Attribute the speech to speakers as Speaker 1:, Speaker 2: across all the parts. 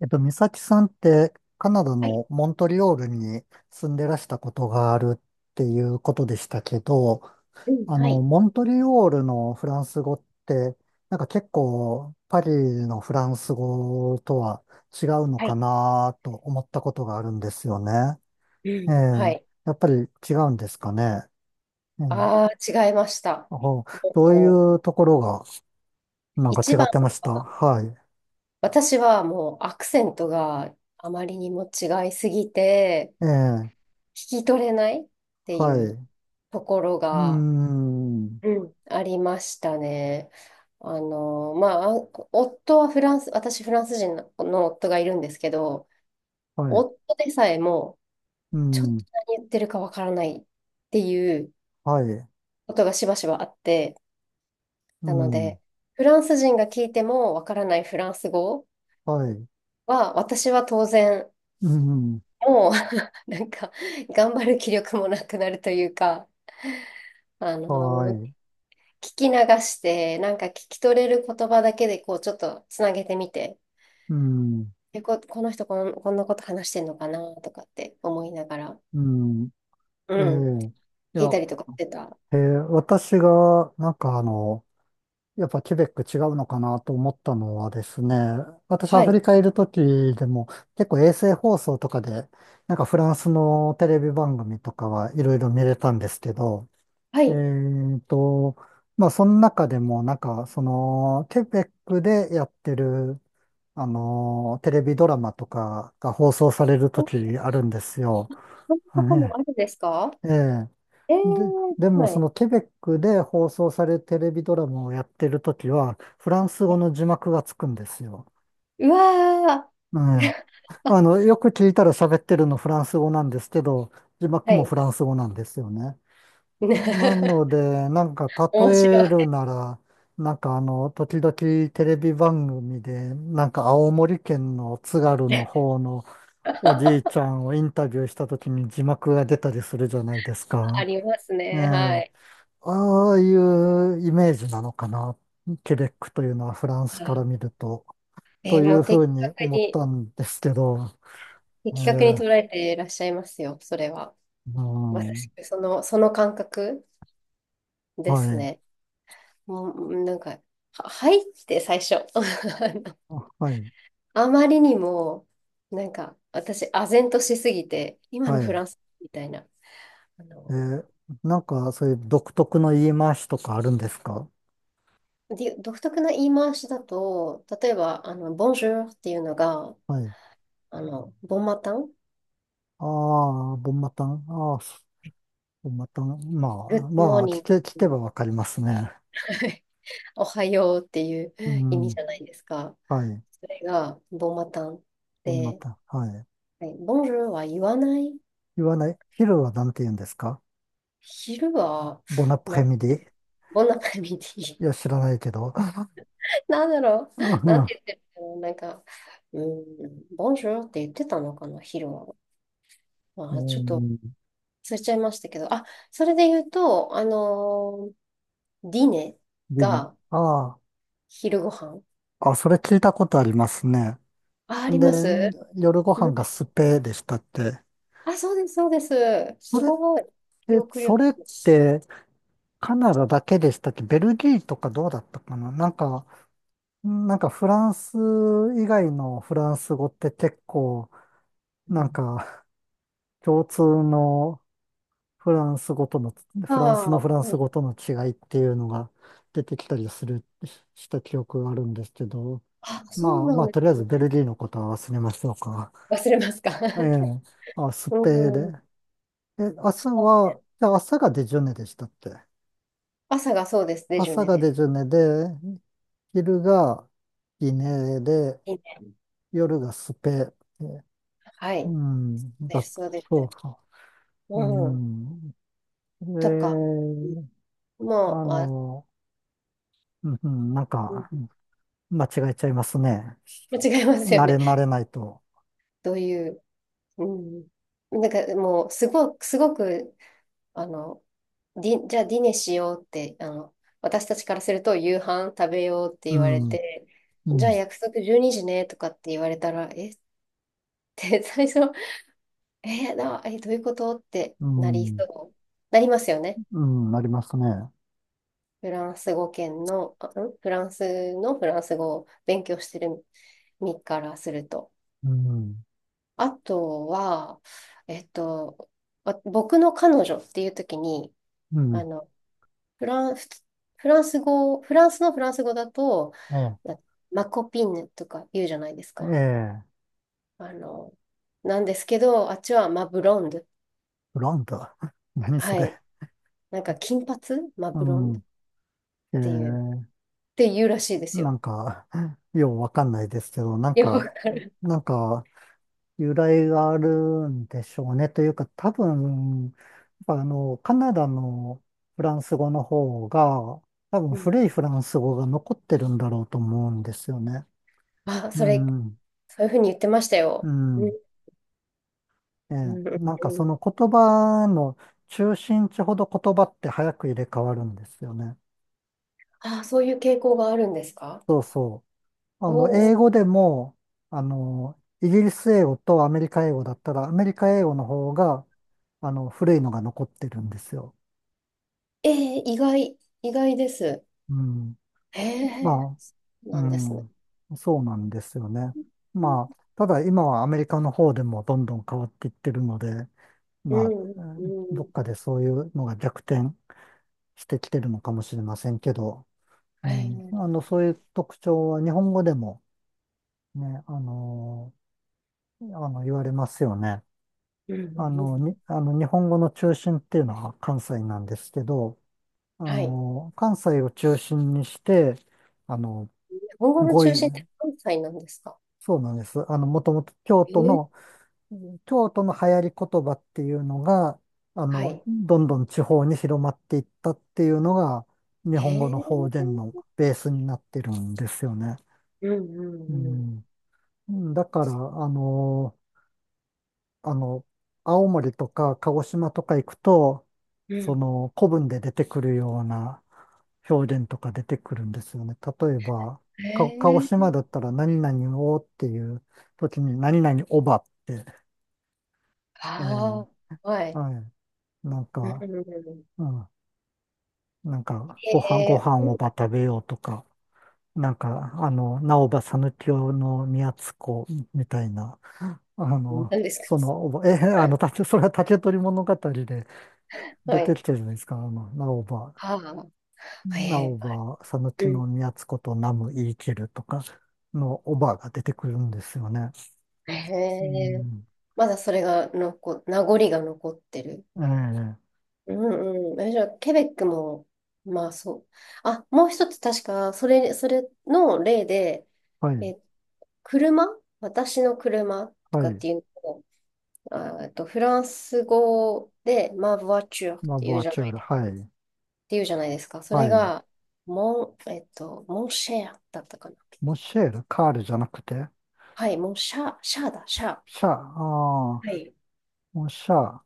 Speaker 1: 美咲さんってカナダ
Speaker 2: はい。
Speaker 1: のモントリオールに住んでらしたことがあるっていうことでしたけど、
Speaker 2: うん、はい。
Speaker 1: モントリオールのフランス語って、なんか結構パリのフランス語とは違うの
Speaker 2: は
Speaker 1: か
Speaker 2: い。
Speaker 1: なと思ったことがあるんですよね。
Speaker 2: う
Speaker 1: ええ、
Speaker 2: ん、はい。
Speaker 1: やっぱり違うんですかね。ええ、
Speaker 2: ああ、違いました。
Speaker 1: あどうい
Speaker 2: も
Speaker 1: う
Speaker 2: う、
Speaker 1: ところがなんか
Speaker 2: 一
Speaker 1: 違
Speaker 2: 番、
Speaker 1: ってました。はい。
Speaker 2: 私はもうアクセントがあまりにも違いすぎて、
Speaker 1: ええ、
Speaker 2: 聞き取れないってい
Speaker 1: はい。
Speaker 2: う
Speaker 1: う
Speaker 2: ところ
Speaker 1: ー
Speaker 2: が、
Speaker 1: ん、
Speaker 2: うん、ありましたね。あの、まあ、あ夫はフランス、私フランス人の夫がいるんですけど、
Speaker 1: はい。
Speaker 2: 夫でさえも、
Speaker 1: う
Speaker 2: ちょっと
Speaker 1: ん。
Speaker 2: 何言ってるかわからないっていう
Speaker 1: はい。
Speaker 2: ことがしばしばあって、
Speaker 1: う
Speaker 2: なの
Speaker 1: ん。
Speaker 2: で、フランス人が聞いてもわからないフランス語
Speaker 1: はい。
Speaker 2: は、私は当然、
Speaker 1: うん。
Speaker 2: もう なんか、頑張る気力もなくなるというか、あの、も
Speaker 1: は
Speaker 2: う
Speaker 1: い。
Speaker 2: 聞き流して、なんか聞き取れる言葉だけで、こう、ちょっとつなげてみて、
Speaker 1: うん。
Speaker 2: で、この人こんなこと話してんのかなとかって思いながら、
Speaker 1: うん。
Speaker 2: う
Speaker 1: え
Speaker 2: ん、
Speaker 1: え。い
Speaker 2: 聞い
Speaker 1: や、
Speaker 2: たりとかしてた。
Speaker 1: ええ、私が、なんかやっぱケベック違うのかなと思ったのはですね、私
Speaker 2: は
Speaker 1: アフ
Speaker 2: い。
Speaker 1: リカいる時でも結構衛星放送とかで、なんかフランスのテレビ番組とかはいろいろ見れたんですけど、
Speaker 2: は
Speaker 1: え
Speaker 2: い。
Speaker 1: えと、まあその中でもなんかそのケベックでやってるテレビドラマとかが放送されると
Speaker 2: そ
Speaker 1: きあるんですよ。
Speaker 2: そんなことも
Speaker 1: ね、
Speaker 2: あるんですか？
Speaker 1: ええ。
Speaker 2: え
Speaker 1: で、
Speaker 2: ー、
Speaker 1: でも
Speaker 2: は
Speaker 1: そ
Speaker 2: い。
Speaker 1: のケベックで放送されるテレビドラマをやってるときは、フランス語の字幕がつくんですよ。
Speaker 2: うわ
Speaker 1: え
Speaker 2: ー。
Speaker 1: え。あ の、よく聞いたら喋ってるのフランス語なんですけど、字幕
Speaker 2: は
Speaker 1: も
Speaker 2: い。
Speaker 1: フランス語なんですよね。なの で、なんか
Speaker 2: 面白
Speaker 1: 例える
Speaker 2: い。
Speaker 1: なら、なんか時々テレビ番組で、なんか青森県の津軽の 方のおじいちゃんをインタビューした時に字幕が出たりするじゃないです
Speaker 2: あ
Speaker 1: か。
Speaker 2: ります
Speaker 1: ええ、
Speaker 2: ね。はい。
Speaker 1: ああいうイメージなのかな。ケベックというのはフランスから見ると、と
Speaker 2: えー
Speaker 1: い
Speaker 2: も
Speaker 1: う
Speaker 2: う
Speaker 1: ふ
Speaker 2: 的
Speaker 1: うに
Speaker 2: 確
Speaker 1: 思っ
Speaker 2: に、
Speaker 1: たんですけど、
Speaker 2: 的
Speaker 1: え
Speaker 2: 確に
Speaker 1: え、
Speaker 2: 捉えていらっしゃいますよ、それは。
Speaker 1: う
Speaker 2: まさし
Speaker 1: ん、
Speaker 2: く、その、その感覚で
Speaker 1: は
Speaker 2: す
Speaker 1: い、
Speaker 2: ね。もう、なんか、は、はいって最初。あの
Speaker 1: あはい、
Speaker 2: あまりにも、なんか、私、唖然としすぎて、今
Speaker 1: は
Speaker 2: のフ
Speaker 1: い。
Speaker 2: ランスみたいな、あ
Speaker 1: え
Speaker 2: の、
Speaker 1: え、なんかそういう独特の言い回しとかあるんですか？
Speaker 2: で独特な言い回しだと、例えば、あの、ボンジュールっていうのが、
Speaker 1: はい。
Speaker 2: あの、ボンマタン、
Speaker 1: ああ、ボンマタン、ああ、ボンマタン、ま
Speaker 2: グッ
Speaker 1: あ、
Speaker 2: ドモー
Speaker 1: まあ、
Speaker 2: ニン
Speaker 1: 聞け、聞け
Speaker 2: グ
Speaker 1: ばわかりますね。
Speaker 2: はい、おはようっていう
Speaker 1: う
Speaker 2: 意味じ
Speaker 1: ん、
Speaker 2: ゃないですか。
Speaker 1: はい。
Speaker 2: それが、ボマタン
Speaker 1: ボンナ
Speaker 2: で、
Speaker 1: タはい。
Speaker 2: はい、ボンジュールは言わない。
Speaker 1: 言わない。昼は何て言うんですか？
Speaker 2: 昼は、
Speaker 1: ボナプ
Speaker 2: な
Speaker 1: レ
Speaker 2: ん
Speaker 1: ミ
Speaker 2: て、
Speaker 1: デ
Speaker 2: ボナカミティ。
Speaker 1: ィ、いや、知らないけど。
Speaker 2: なんだろう。
Speaker 1: う
Speaker 2: なん
Speaker 1: ん、
Speaker 2: て言ってるのなんか、うん、ボンジュールって言ってたのかな、昼は。ま
Speaker 1: う
Speaker 2: あ、ちょっと
Speaker 1: ん
Speaker 2: 忘れちゃいましたけど。あ、それで言うと、ディネ
Speaker 1: でも、
Speaker 2: が
Speaker 1: あ
Speaker 2: 昼ご飯。
Speaker 1: あ、あ、それ聞いたことありますね。
Speaker 2: あ、あり
Speaker 1: で、
Speaker 2: ます。
Speaker 1: 夜ご
Speaker 2: う
Speaker 1: 飯が
Speaker 2: ん、
Speaker 1: スペでしたって。
Speaker 2: あ、そうです、そうです。
Speaker 1: そ
Speaker 2: す
Speaker 1: れっ
Speaker 2: ごい。記
Speaker 1: て、
Speaker 2: 憶
Speaker 1: そ
Speaker 2: 力。
Speaker 1: れって、カナダだけでしたっけ？ベルギーとかどうだったかな、なんか、なんかフランス以外のフランス語って結構、
Speaker 2: う
Speaker 1: なん
Speaker 2: ん、
Speaker 1: か共通のフランス語との、
Speaker 2: あ
Speaker 1: フランスのフラン
Speaker 2: あ、は
Speaker 1: ス
Speaker 2: い。
Speaker 1: 語との違いっていうのが出てきたりする、しした記憶があるんですけど、
Speaker 2: あ、そう
Speaker 1: まあ
Speaker 2: な
Speaker 1: ま
Speaker 2: ん
Speaker 1: あ、
Speaker 2: で
Speaker 1: とりあえ
Speaker 2: す
Speaker 1: ずベ
Speaker 2: ね。
Speaker 1: ルギーのことは忘れましょうか。
Speaker 2: 忘れますか。
Speaker 1: え え、あ、スペーで。
Speaker 2: うん。
Speaker 1: え、
Speaker 2: そ
Speaker 1: 朝
Speaker 2: うね、
Speaker 1: は、じゃ朝がデジュネでしたっけ？
Speaker 2: 朝がそうですね。デジュ
Speaker 1: 朝
Speaker 2: ネ
Speaker 1: が
Speaker 2: で。
Speaker 1: デジュネで、昼がギネで、
Speaker 2: いいね。
Speaker 1: 夜がスペー。
Speaker 2: は
Speaker 1: う
Speaker 2: い。
Speaker 1: ん、だ、
Speaker 2: です、そうで
Speaker 1: そう
Speaker 2: す。
Speaker 1: か。う
Speaker 2: うん。
Speaker 1: ん。え
Speaker 2: とか、
Speaker 1: ー、
Speaker 2: も
Speaker 1: あ
Speaker 2: う、あ、
Speaker 1: の、うん、うんなん
Speaker 2: うん、
Speaker 1: か、間違えちゃいますね。
Speaker 2: 間違いますよ
Speaker 1: 慣
Speaker 2: ね。
Speaker 1: れ慣れないと。
Speaker 2: どういう、うん。なんかもう、すごく、すごく、あの、じゃあディネしようって、あの、私たちからすると夕飯食べようって
Speaker 1: う
Speaker 2: 言われ
Speaker 1: ん、
Speaker 2: て、
Speaker 1: う
Speaker 2: じゃ
Speaker 1: ん、
Speaker 2: あ約束12時ねとかって言われたら、えって最初えーな、えどういうことって
Speaker 1: う
Speaker 2: なり
Speaker 1: ん、
Speaker 2: そう。なりますよね。
Speaker 1: うん、なりますね。
Speaker 2: フランスのフランス語を勉強してる身からすると。
Speaker 1: うん、
Speaker 2: あとは、えっと、僕の彼女っていう時に、
Speaker 1: う
Speaker 2: あ
Speaker 1: ん、
Speaker 2: の、フラン、フフランス語、フランスのフランス語だと、
Speaker 1: え
Speaker 2: なマコピンヌとか言うじゃないです
Speaker 1: え、
Speaker 2: か。
Speaker 1: ええ、
Speaker 2: あの、なんですけど、あっちはマブロンド。
Speaker 1: ブランド。何そ
Speaker 2: はい。
Speaker 1: れ。
Speaker 2: なんか金髪、マ
Speaker 1: う
Speaker 2: ブロンド
Speaker 1: ん、
Speaker 2: っ
Speaker 1: え
Speaker 2: ていうっ
Speaker 1: え、
Speaker 2: て言うらしいです
Speaker 1: な
Speaker 2: よ。
Speaker 1: んか、ようわかんないですけど、なん
Speaker 2: よくわ
Speaker 1: か、
Speaker 2: かる。
Speaker 1: なんか、由来があるんでしょうね。というか、多分、やっぱカナダのフランス語の方が、多分
Speaker 2: うん。
Speaker 1: 古いフランス語が残ってるんだろうと思うんですよね。
Speaker 2: あ、
Speaker 1: う
Speaker 2: それ、
Speaker 1: ん、
Speaker 2: そういうふうに言ってました
Speaker 1: う
Speaker 2: よ。うん。
Speaker 1: ん。え
Speaker 2: う
Speaker 1: え、
Speaker 2: んうん、
Speaker 1: なんかその言葉の中心地ほど言葉って早く入れ替わるんですよね。
Speaker 2: あ、そういう傾向があるんですか？
Speaker 1: そうそう。あの、
Speaker 2: おお
Speaker 1: 英語
Speaker 2: ー。
Speaker 1: でも、イギリス英語とアメリカ英語だったら、アメリカ英語の方が、古いのが残ってるんですよ。
Speaker 2: ええ、意外、意外です。
Speaker 1: うん。
Speaker 2: へえ、
Speaker 1: まあ、う
Speaker 2: なんですね。
Speaker 1: ん。そうなんですよね。まあ、ただ今はアメリカの方でもどんどん変わっていってるので、
Speaker 2: う
Speaker 1: まあ、
Speaker 2: ん
Speaker 1: うん
Speaker 2: う
Speaker 1: どっか
Speaker 2: ん、
Speaker 1: でそういうのが逆転してきてるのかもしれませんけど、う
Speaker 2: はい。
Speaker 1: ん、
Speaker 2: うん
Speaker 1: そういう特徴は日本語でもね、言われますよね。
Speaker 2: うん
Speaker 1: あ
Speaker 2: う
Speaker 1: の、
Speaker 2: ん、
Speaker 1: に、あの日本語の中心っていうのは関西なんですけど、
Speaker 2: はい。
Speaker 1: 関西を中心にして、あの、
Speaker 2: 日本語の
Speaker 1: 語
Speaker 2: 中
Speaker 1: 彙、
Speaker 2: 心って関西なんですか？
Speaker 1: そうなんです。あの、もともと京
Speaker 2: え
Speaker 1: 都
Speaker 2: ー、
Speaker 1: の、京都の流行り言葉っていうのが、
Speaker 2: はい。
Speaker 1: どんどん地方に広まっていったっていうのが、日
Speaker 2: え
Speaker 1: 本語の方
Speaker 2: ー、
Speaker 1: 言のベースになってるんですよね。
Speaker 2: うんう
Speaker 1: う
Speaker 2: んう
Speaker 1: ん。だから、あの、青森とか鹿児島とか行くと、
Speaker 2: ん
Speaker 1: そ
Speaker 2: う
Speaker 1: の古文で出てくるような表現とか出てくるんですよね。例えば、
Speaker 2: ん、
Speaker 1: 鹿児
Speaker 2: えー、
Speaker 1: 島だったら何々をっていう時に何々おばって、えー
Speaker 2: ああ、はい。
Speaker 1: はい。なん
Speaker 2: うんう
Speaker 1: か、
Speaker 2: んうん、
Speaker 1: うん。なんか、ご飯、ご
Speaker 2: え
Speaker 1: 飯お
Speaker 2: ー、
Speaker 1: ば食べようとか、なんか、なおばさぬきよの宮津子みたいな。
Speaker 2: うん、なんですか？
Speaker 1: え、あの、竹それは竹取物語で
Speaker 2: は
Speaker 1: 出て
Speaker 2: い。
Speaker 1: きてるじゃないですか。直ば、
Speaker 2: はあ、え
Speaker 1: 直ば、
Speaker 2: ー、
Speaker 1: 佐野木
Speaker 2: う
Speaker 1: の岐宮津ことナム言い切るとかのおばが出てくるんですよね。
Speaker 2: ん。えー、
Speaker 1: う
Speaker 2: ええ、
Speaker 1: ん。
Speaker 2: まだそれが残、名残が残ってる。
Speaker 1: ええ、
Speaker 2: うんうん。え、じゃあ、ケベックも、まあそう。あ、もう一つ確か、それ、それの例で、
Speaker 1: はい、
Speaker 2: え、車、私の車と
Speaker 1: は
Speaker 2: かっ
Speaker 1: い。
Speaker 2: ていうのを、あ、えっと、フランス語で、ワチュ t っ
Speaker 1: マ
Speaker 2: てい
Speaker 1: ボ
Speaker 2: う
Speaker 1: ア
Speaker 2: じゃ
Speaker 1: チ
Speaker 2: な
Speaker 1: ュー
Speaker 2: い
Speaker 1: ル、
Speaker 2: で、っ
Speaker 1: はい、
Speaker 2: ていうじゃないですか。そ
Speaker 1: は
Speaker 2: れ
Speaker 1: い。
Speaker 2: が、モンシェアだったかな。
Speaker 1: モシェール、カールじゃなくて、
Speaker 2: はい、モンシャー、シャーだ、シャー。
Speaker 1: シャ、ああ、
Speaker 2: はい。
Speaker 1: モシャ、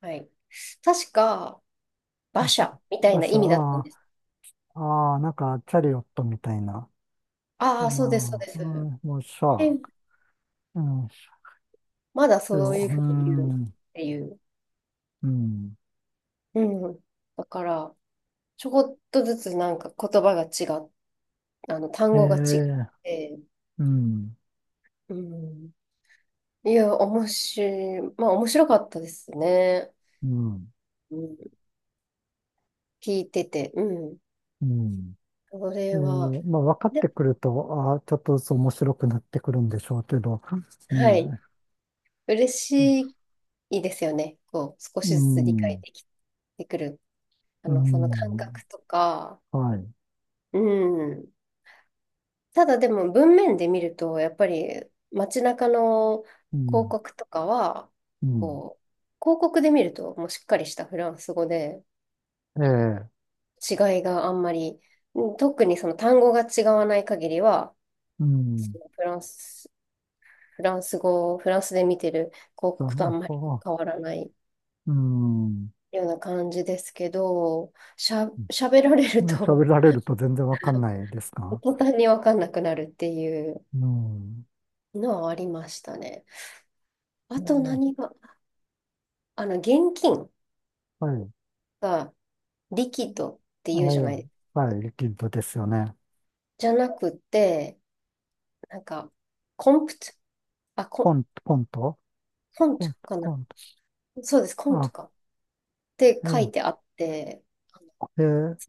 Speaker 2: はい。確か、馬車みたい
Speaker 1: バ
Speaker 2: な
Speaker 1: シ
Speaker 2: 意
Speaker 1: ャ、
Speaker 2: 味だったん
Speaker 1: あ
Speaker 2: です。
Speaker 1: あ、ああ、なんか、チャリオットみたいな。
Speaker 2: ああ、そうです、そうで
Speaker 1: まあ、う
Speaker 2: す。
Speaker 1: ん、もう
Speaker 2: え、
Speaker 1: さ、うん
Speaker 2: まだ
Speaker 1: で
Speaker 2: そう
Speaker 1: もう
Speaker 2: いう
Speaker 1: ー
Speaker 2: ふうに言うっ
Speaker 1: ん、
Speaker 2: ていう。
Speaker 1: うん、
Speaker 2: うん。だから、ちょこっとずつなんか言葉が違う、あの、単
Speaker 1: え
Speaker 2: 語が違っ
Speaker 1: え、
Speaker 2: て、
Speaker 1: うん、
Speaker 2: うん。いや、おもし、まあ、面白かったですね。
Speaker 1: うん、
Speaker 2: うん。聞いてて、うん。
Speaker 1: うん。
Speaker 2: これ
Speaker 1: ええ、
Speaker 2: は、
Speaker 1: まあ、分かっ
Speaker 2: で、
Speaker 1: てくると、ああ、ちょっとずつ面白くなってくるんでしょうけど、ね
Speaker 2: はい。
Speaker 1: え、
Speaker 2: 嬉しいですよね。こう、少
Speaker 1: う
Speaker 2: しずつ理解
Speaker 1: ん、
Speaker 2: できてくる。あ
Speaker 1: う
Speaker 2: の、その感
Speaker 1: ん、
Speaker 2: 覚とか、
Speaker 1: はい、
Speaker 2: うん。ただでも文面で見ると、やっぱり街中の
Speaker 1: う
Speaker 2: 広
Speaker 1: ん、
Speaker 2: 告とかは、
Speaker 1: うん、
Speaker 2: こう、広告で見るともうしっかりしたフランス語で
Speaker 1: ええ、
Speaker 2: 違いがあんまり、うん、特にその単語が違わない限りは、
Speaker 1: うん、
Speaker 2: そのフランス、フランス語、フランスで見てる広告とあ
Speaker 1: だ
Speaker 2: んまり
Speaker 1: な、ああ、
Speaker 2: 変わらない
Speaker 1: うん、
Speaker 2: ような感じですけど、喋られる
Speaker 1: 喋
Speaker 2: と
Speaker 1: られると全然分かんないですか？
Speaker 2: 途端にわかんなくなるっていう
Speaker 1: うん、
Speaker 2: のはありましたね。あと
Speaker 1: ええ、
Speaker 2: 何が、あの、現金
Speaker 1: はい、
Speaker 2: がリキッドって
Speaker 1: え
Speaker 2: 言うじゃ
Speaker 1: え、
Speaker 2: ない、
Speaker 1: はい、リキッドですよね。
Speaker 2: じゃなくて、なんか、コンプト、あ、
Speaker 1: コ
Speaker 2: コ、
Speaker 1: ント、コント、
Speaker 2: コン
Speaker 1: コ
Speaker 2: ト
Speaker 1: ント、
Speaker 2: かな。
Speaker 1: コント。
Speaker 2: そうです、コント
Speaker 1: あ、
Speaker 2: か、って書いて
Speaker 1: え
Speaker 2: あって、
Speaker 1: え、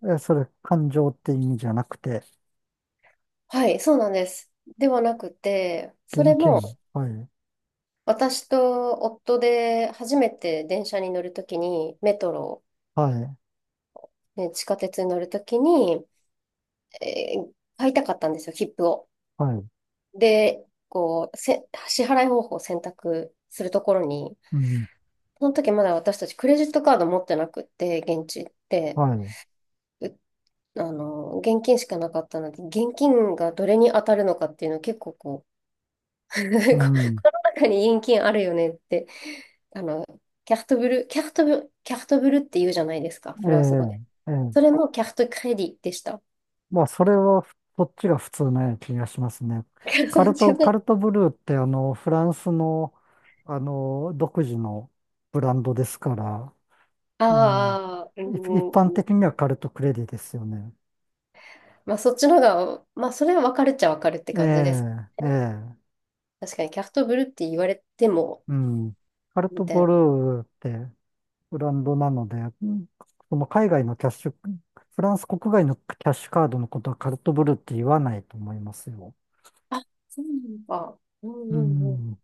Speaker 1: ええ、それ、感情って意味じゃなくて、
Speaker 2: はい、そうなんです。ではなくて、そ
Speaker 1: 現
Speaker 2: れ
Speaker 1: 金。
Speaker 2: も、
Speaker 1: はい、
Speaker 2: 私と夫で初めて電車に乗るときに、メトロ、
Speaker 1: はい、
Speaker 2: ね、地下鉄に乗るときに、えー買いたかったんですよ、切符を。
Speaker 1: はい、
Speaker 2: で、こう、支払い方法を選択するところに、
Speaker 1: うん、
Speaker 2: その時まだ私たちクレジットカード持ってなくって、現地って、
Speaker 1: はい、
Speaker 2: う、あの、現金しかなかったので、現金がどれに当たるのかっていうのを結構こう、
Speaker 1: う
Speaker 2: この
Speaker 1: ん、
Speaker 2: 中に現金あるよねって、あの、キャフトブルって言うじゃないですか、フ
Speaker 1: え
Speaker 2: ランス語で。
Speaker 1: え、ええ。
Speaker 2: それもキャフトクレディでした。
Speaker 1: まあ、それは、そっちが普通な気がしますね。カ
Speaker 2: そっ
Speaker 1: ル
Speaker 2: ち
Speaker 1: ト、
Speaker 2: の、
Speaker 1: カルトブルーって、あの、フランスの、あの、独自のブランドですから、うん、
Speaker 2: ああ、う
Speaker 1: 一
Speaker 2: ん、
Speaker 1: 般
Speaker 2: う
Speaker 1: 的に
Speaker 2: ん、
Speaker 1: はカルトクレディですよね。
Speaker 2: まあそっちのが、まあそれは分かるっちゃ分かるって
Speaker 1: え
Speaker 2: 感じです。
Speaker 1: え、ええ、
Speaker 2: 確かにキャフトブルって言われても、
Speaker 1: うん。カル
Speaker 2: み
Speaker 1: ト
Speaker 2: たい
Speaker 1: ブ
Speaker 2: な。
Speaker 1: ルーって、ブランドなので、その海外のキャッシュ、フランス国外のキャッシュカードのことはカルトブルーって言わないと思いますよ。
Speaker 2: あ、そうなのか。う
Speaker 1: う
Speaker 2: んうんう
Speaker 1: ん。